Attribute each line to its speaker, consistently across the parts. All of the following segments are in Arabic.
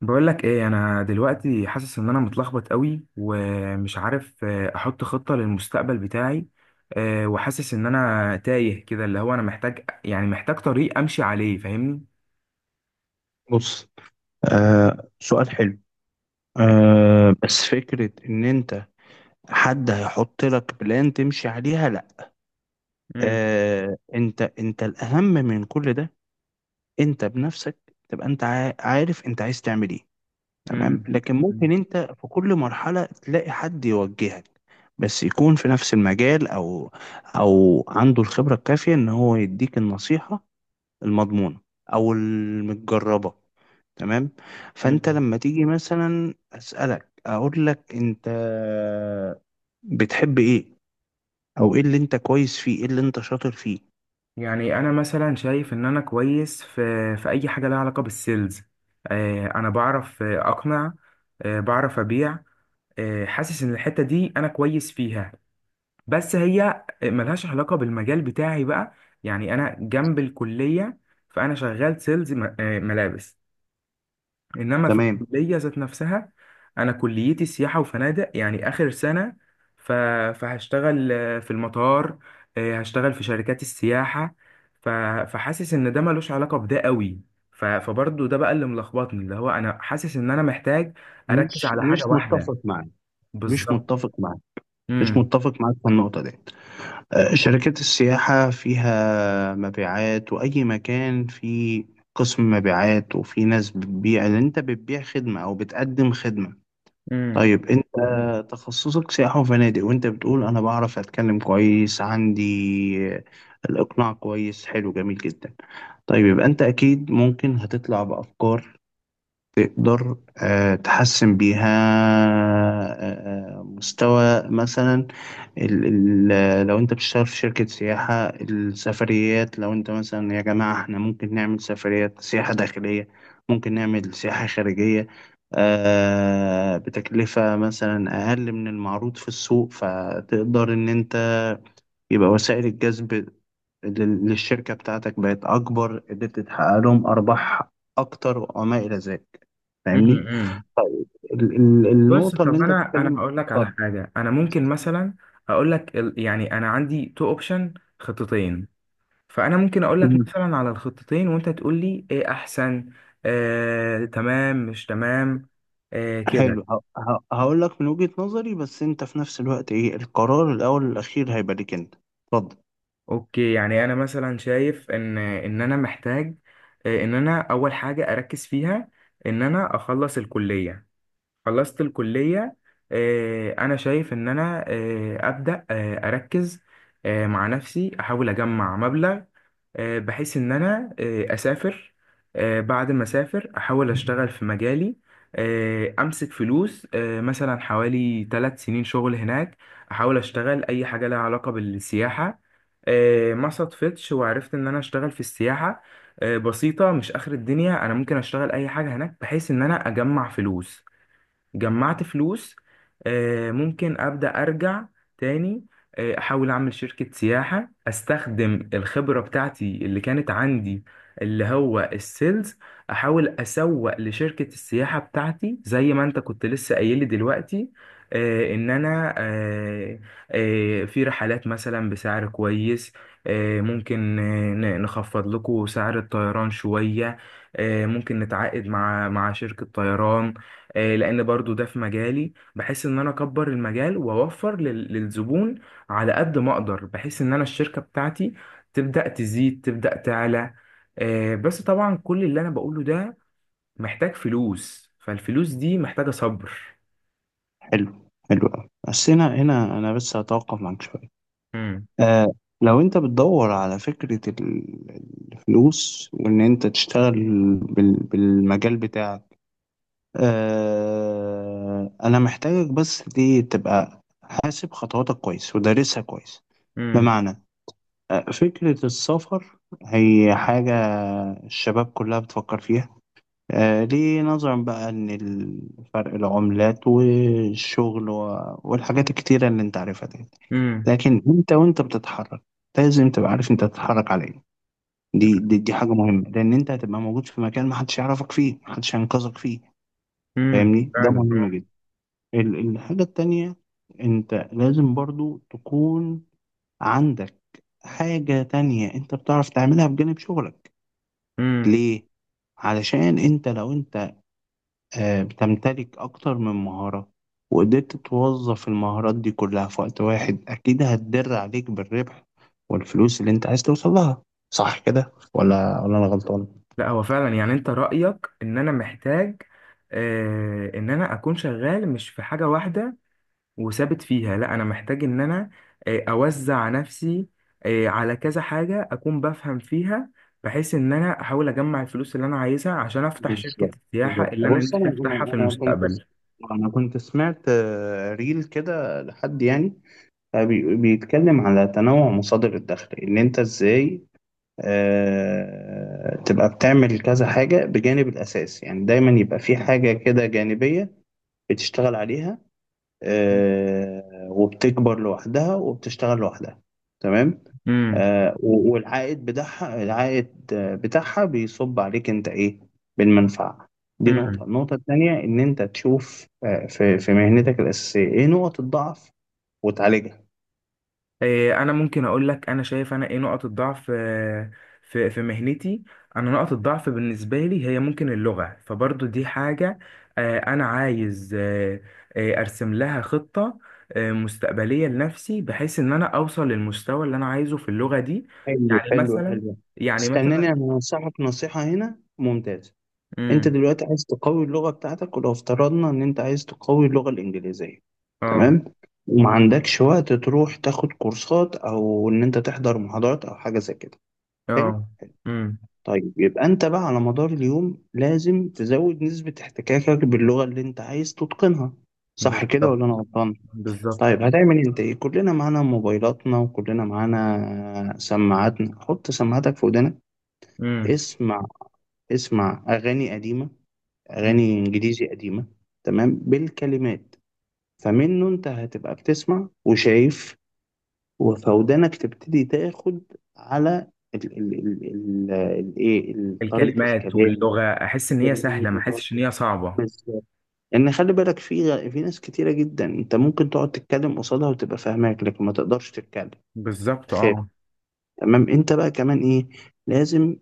Speaker 1: بقول لك ايه انا دلوقتي حاسس ان انا متلخبط قوي ومش عارف احط خطة للمستقبل بتاعي. وحاسس ان انا تايه كده اللي هو انا محتاج يعني محتاج طريق امشي عليه، فاهمني.
Speaker 2: بص. آه، سؤال حلو. بس فكرة ان انت حد هيحط لك بلان تمشي عليها، لا.
Speaker 1: مم.
Speaker 2: انت الاهم من كل ده. انت بنفسك تبقى انت عارف انت عايز تعمل ايه. تمام،
Speaker 1: مم.
Speaker 2: لكن
Speaker 1: مم.
Speaker 2: ممكن انت في كل مرحلة تلاقي حد يوجهك، بس يكون في نفس المجال او او عنده الخبرة الكافية ان هو يديك النصيحة المضمونة أو المتجربة. تمام. فأنت
Speaker 1: مم.
Speaker 2: لما تيجي مثلا أسألك، أقول لك أنت بتحب إيه، أو إيه اللي أنت كويس فيه، إيه اللي أنت شاطر فيه.
Speaker 1: يعني انا مثلا شايف ان انا كويس في اي حاجة لها علاقة بالسيلز. انا بعرف اقنع، بعرف ابيع. حاسس ان الحتة دي انا كويس فيها، بس هي ملهاش علاقة بالمجال بتاعي بقى. يعني أنا جنب الكلية، فأنا شغال سيلز ملابس. إنما في
Speaker 2: تمام.
Speaker 1: الكلية ذات نفسها، أنا كليتي سياحة وفنادق يعني آخر سنة. ف- فهشتغل في المطار، هشتغل في شركات السياحة. ف- فحاسس إن ده ملوش علاقة بده قوي. فبرضه ده بقى اللي ملخبطني، اللي هو أنا حاسس إن أنا محتاج أركز
Speaker 2: مش
Speaker 1: على
Speaker 2: مش
Speaker 1: حاجة واحدة
Speaker 2: متفق معاك، مش
Speaker 1: بالظبط.
Speaker 2: متفق معاك، مش
Speaker 1: امم.
Speaker 2: متفق معاك في النقطة دي. شركات السياحة فيها مبيعات، وأي مكان فيه قسم مبيعات، وفي ناس بتبيع، اللي أنت بتبيع خدمة أو بتقدم خدمة.
Speaker 1: امم.
Speaker 2: طيب انت، تخصصك سياحة وفنادق، وانت بتقول انا بعرف اتكلم كويس، عندي الاقناع كويس، حلو، جميل جدا. طيب يبقى انت اكيد ممكن هتطلع بافكار، تقدر تحسن بيها مستوى مثلا ال ال لو انت بتشتغل في شركة سياحة السفريات، لو انت مثلا يا جماعة احنا ممكن نعمل سفريات، سياحة داخلية، ممكن نعمل سياحة خارجية بتكلفة مثلا أقل من المعروض في السوق، فتقدر إن أنت يبقى وسائل الجذب للشركة بتاعتك بقت أكبر، قدرت تحقق لهم أرباح أكتر وما إلى ذلك. فاهمني؟
Speaker 1: امم. امم.
Speaker 2: طيب
Speaker 1: بص،
Speaker 2: النقطة اللي
Speaker 1: طب
Speaker 2: أنت
Speaker 1: انا
Speaker 2: بتتكلم،
Speaker 1: هقول لك على
Speaker 2: اتفضل.
Speaker 1: حاجه، انا ممكن مثلا اقول لك يعني انا عندي تو اوبشن، خطتين. فانا ممكن اقول لك
Speaker 2: مم.
Speaker 1: مثلا على الخطتين وانت تقول لي ايه احسن، تمام مش تمام،
Speaker 2: حلو،
Speaker 1: كده.
Speaker 2: هقول لك من وجهة نظري، بس أنت في نفس الوقت إيه، القرار الأول والأخير هيبقى ليك أنت. اتفضل.
Speaker 1: اوكي، يعني انا مثلا شايف ان انا محتاج، ان انا اول حاجه اركز فيها ان انا اخلص الكليه. خلصت الكلية، أنا شايف إن أنا أبدأ أركز مع نفسي، أحاول أجمع مبلغ بحيث إن أنا أسافر. بعد ما أسافر أحاول أشتغل في مجالي، أمسك فلوس مثلا حوالي 3 سنين شغل هناك. أحاول أشتغل أي حاجة لها علاقة بالسياحة، ما صدفتش وعرفت إن أنا أشتغل في السياحة، بسيطة، مش آخر الدنيا، أنا ممكن أشتغل أي حاجة هناك بحيث إن أنا أجمع فلوس. جمعت فلوس، ممكن أبدأ أرجع تاني، أحاول أعمل شركة سياحة، أستخدم الخبرة بتاعتي اللي كانت عندي، اللي هو السيلز. أحاول أسوق لشركة السياحة بتاعتي زي ما أنت كنت لسه قايل لي دلوقتي، إن أنا في رحلات مثلا بسعر كويس. ممكن نخفض لكم سعر الطيران شوية، ممكن نتعاقد مع شركة طيران. لان برضو ده في مجالي، بحيث ان انا اكبر المجال واوفر للزبون على قد ما اقدر، بحيث ان انا الشركة بتاعتي تبدأ تزيد، تبدأ تعلى. بس طبعا كل اللي انا بقوله ده محتاج فلوس، فالفلوس دي محتاجة صبر.
Speaker 2: حلو، حلو أوي، بس هنا هنا أنا بس هتوقف معاك شوية.
Speaker 1: امم.
Speaker 2: آه لو أنت بتدور على فكرة الفلوس وإن أنت تشتغل بالمجال بتاعك، أنا محتاجك بس دي تبقى حاسب خطواتك كويس ودارسها كويس.
Speaker 1: امم.
Speaker 2: بمعنى، فكرة السفر هي حاجة الشباب كلها بتفكر فيها، ليه؟ نظرا بقى إن فرق العملات والشغل والحاجات الكتيرة اللي أنت عارفها دي.
Speaker 1: امم.
Speaker 2: لكن أنت وأنت بتتحرك لازم تبقى عارف أنت بتتحرك على إيه. دي حاجة مهمة، لأن أنت هتبقى موجود في مكان محدش يعرفك فيه، محدش هينقذك فيه.
Speaker 1: امم،
Speaker 2: فاهمني؟ ده
Speaker 1: فعلا.
Speaker 2: مهم جدا. الحاجة التانية، أنت لازم برضو تكون عندك حاجة تانية انت بتعرف تعملها بجانب شغلك.
Speaker 1: امم
Speaker 2: ليه؟ علشان انت، لو انت بتمتلك اكتر من مهارة وقدرت توظف المهارات دي كلها في وقت واحد، اكيد هتدر عليك بالربح والفلوس اللي انت عايز توصل لها. صح كده ولا انا غلطان؟
Speaker 1: لا، هو فعلا، يعني انت رأيك ان انا محتاج ان انا اكون شغال مش في حاجة واحدة وثابت فيها، لا انا محتاج ان انا اوزع نفسي على كذا حاجة اكون بفهم فيها، بحيث ان انا احاول اجمع الفلوس اللي انا عايزها عشان افتح شركة
Speaker 2: بالظبط،
Speaker 1: السياحة
Speaker 2: بالظبط.
Speaker 1: اللي انا
Speaker 2: بص،
Speaker 1: نفسي افتحها في المستقبل.
Speaker 2: انا كنت سمعت ريل كده لحد يعني بيتكلم على تنوع مصادر الدخل، ان انت ازاي تبقى بتعمل كذا حاجة بجانب الأساس، يعني دايما يبقى في حاجة كده جانبية بتشتغل عليها وبتكبر لوحدها وبتشتغل لوحدها. تمام. والعائد بتاعها، العائد بتاعها بيصب عليك انت ايه، بالمنفعة. دي نقطة.
Speaker 1: امم
Speaker 2: النقطة التانية ان انت تشوف في مهنتك الأساسية ايه نقط الضعف وتعالجها.
Speaker 1: إيه، انا ممكن اقول لك، انا شايف انا ايه نقط الضعف في مهنتي. انا نقط الضعف بالنسبه لي هي ممكن اللغه، فبرضو دي حاجه انا عايز ارسم لها خطه مستقبليه لنفسي، بحيث ان انا اوصل للمستوى اللي انا عايزه في اللغه دي.
Speaker 2: حلو،
Speaker 1: يعني
Speaker 2: حلو،
Speaker 1: مثلا
Speaker 2: حلو.
Speaker 1: يعني
Speaker 2: استناني،
Speaker 1: مثلا
Speaker 2: انا هنصحك نصيحة هنا ممتازة. انت
Speaker 1: امم.
Speaker 2: دلوقتي عايز تقوي اللغة بتاعتك، ولو افترضنا ان انت عايز تقوي اللغة الانجليزية،
Speaker 1: اه.
Speaker 2: تمام، وما عندكش وقت تروح تاخد كورسات او ان انت تحضر محاضرات او حاجة زي كده. حلو.
Speaker 1: اه. امم.
Speaker 2: طيب يبقى انت بقى على مدار اليوم لازم تزود نسبة احتكاكك باللغة اللي انت عايز تتقنها. صح كده
Speaker 1: بالظبط.
Speaker 2: ولا انا غلطان؟
Speaker 1: بالظبط.
Speaker 2: طيب، هتعمل انت ايه؟ كلنا معانا موبايلاتنا وكلنا معانا سماعاتنا، حط سماعاتك في ودنك.
Speaker 1: امم
Speaker 2: اسمع، اسمع اغاني قديمة، أغاني إنجليزي قديمة، تمام، بالكلمات. فمنه أنت هتبقى بتسمع وشايف، وفودانك تبتدي تاخد على ال ال ال ال ال إيه، طريقة
Speaker 1: الكلمات
Speaker 2: الكلام،
Speaker 1: واللغه احس ان هي
Speaker 2: الكلمات،
Speaker 1: سهله، ما
Speaker 2: وتقعد
Speaker 1: احسش ان
Speaker 2: تسمع.
Speaker 1: هي صعبه.
Speaker 2: بس ان خلي بالك، في في ناس كتيره جدا انت ممكن تقعد تتكلم قصادها وتبقى فاهماك لكن ما تقدرش تتكلم،
Speaker 1: بالظبط.
Speaker 2: تخاف.
Speaker 1: اه.
Speaker 2: تمام. انت بقى كمان ايه، لازم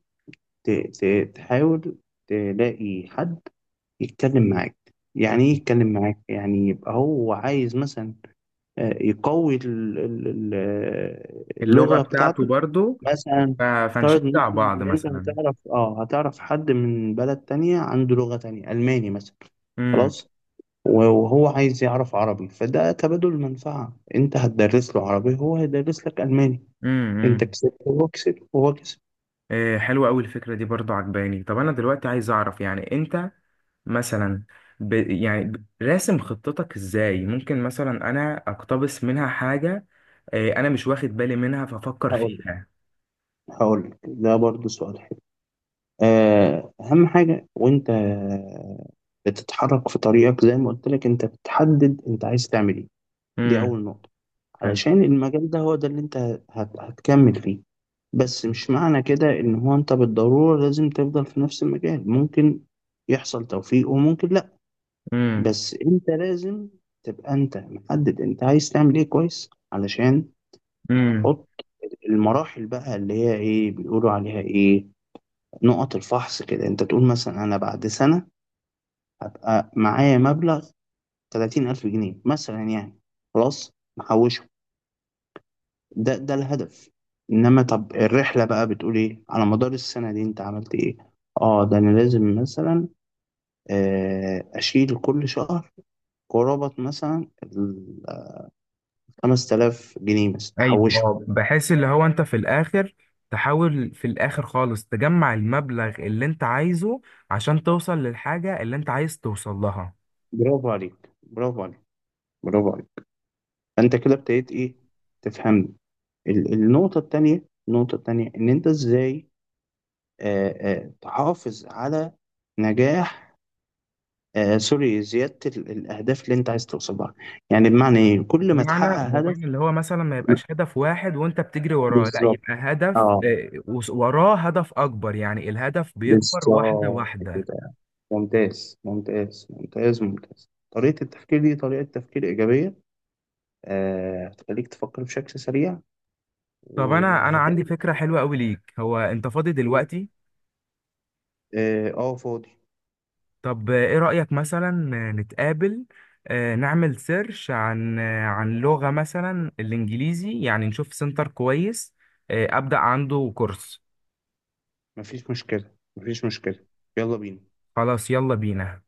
Speaker 2: تحاول تلاقي حد يتكلم معاك. يعني ايه يتكلم معاك؟ يعني يبقى هو عايز مثلا يقوي
Speaker 1: اللغة
Speaker 2: اللغة
Speaker 1: بتاعته
Speaker 2: بتاعته.
Speaker 1: برضو.
Speaker 2: مثلا
Speaker 1: ف-
Speaker 2: افترض ان
Speaker 1: فنشجع
Speaker 2: انت،
Speaker 1: بعض
Speaker 2: إنت
Speaker 1: مثلا.
Speaker 2: هتعرف، حد من بلد تانية عنده لغة تانية، ألماني مثلا،
Speaker 1: امم.
Speaker 2: خلاص، وهو عايز يعرف عربي، فده تبادل منفعة، انت هتدرس له عربي، هو هيدرس لك ألماني، انت
Speaker 1: امم.
Speaker 2: كسبت وهو كسب وهو كسب.
Speaker 1: إيه، حلوة أوي الفكرة دي برضو، عجباني. طب أنا دلوقتي عايز أعرف يعني أنت مثلا راسم خطتك إزاي، ممكن مثلا أنا أقتبس منها حاجة إيه أنا مش واخد بالي منها فأفكر
Speaker 2: هقول لك
Speaker 1: فيها.
Speaker 2: هقول لك ده برضه سؤال حلو. أهم حاجة وأنت بتتحرك في طريقك، زي ما قلت لك، أنت بتحدد أنت عايز تعمل إيه. دي
Speaker 1: امم.
Speaker 2: أول نقطة،
Speaker 1: حلو.
Speaker 2: علشان المجال ده هو ده اللي أنت هتكمل فيه. بس مش معنى كده إن هو أنت بالضرورة لازم تفضل في نفس المجال، ممكن يحصل توفيق وممكن لأ.
Speaker 1: امم.
Speaker 2: بس أنت لازم تبقى أنت محدد أنت عايز تعمل إيه كويس، علشان
Speaker 1: امم.
Speaker 2: تحط المراحل بقى اللي هي إيه بيقولوا عليها إيه، نقط الفحص كده. أنت تقول مثلا، أنا بعد سنة هبقى معايا مبلغ 30,000 جنيه مثلا، يعني خلاص محوشه. ده الهدف. إنما طب الرحلة بقى بتقول إيه، على مدار السنة دي أنت عملت إيه. آه، ده أنا لازم مثلا أشيل كل شهر قرابة مثلا ال 5,000 جنيه مثلا
Speaker 1: ايوه،
Speaker 2: أحوشه.
Speaker 1: اه، بحيث اللي هو انت في الاخر تحاول في الاخر خالص تجمع المبلغ اللي انت عايزه عشان توصل للحاجة اللي انت عايز توصل لها.
Speaker 2: برافو عليك، برافو عليك، برافو عليك. فأنت كده ابتديت إيه، تفهمني. النقطة التانية، النقطة التانية إن أنت إزاي تحافظ على نجاح. آه سوري، زيادة الأهداف اللي أنت عايز توصلها. يعني بمعنى إيه، كل ما
Speaker 1: بمعنى
Speaker 2: تحقق
Speaker 1: بمعنى
Speaker 2: هدف.
Speaker 1: اللي هو مثلا ما يبقاش هدف واحد وانت بتجري وراه، لا
Speaker 2: بالظبط،
Speaker 1: يبقى هدف
Speaker 2: اه،
Speaker 1: وراه هدف اكبر، يعني الهدف بيكبر واحدة
Speaker 2: بالظبط
Speaker 1: واحدة.
Speaker 2: كده. ممتاز، ممتاز، ممتاز، ممتاز، طريقة التفكير دي طريقة تفكير إيجابية. هتخليك تفكر بشكل سريع
Speaker 1: طب انا عندي
Speaker 2: وهتعمل.
Speaker 1: فكرة حلوة قوي ليك، هو انت فاضي دلوقتي؟
Speaker 2: اه، فاضي.
Speaker 1: طب ايه رأيك مثلا نتقابل، نعمل سيرش عن لغة مثلا الانجليزي، يعني نشوف سنتر كويس أبدأ عنده كورس.
Speaker 2: مفيش مشكلة، مفيش مشكلة. يلا بينا.
Speaker 1: خلاص، يلا بينا.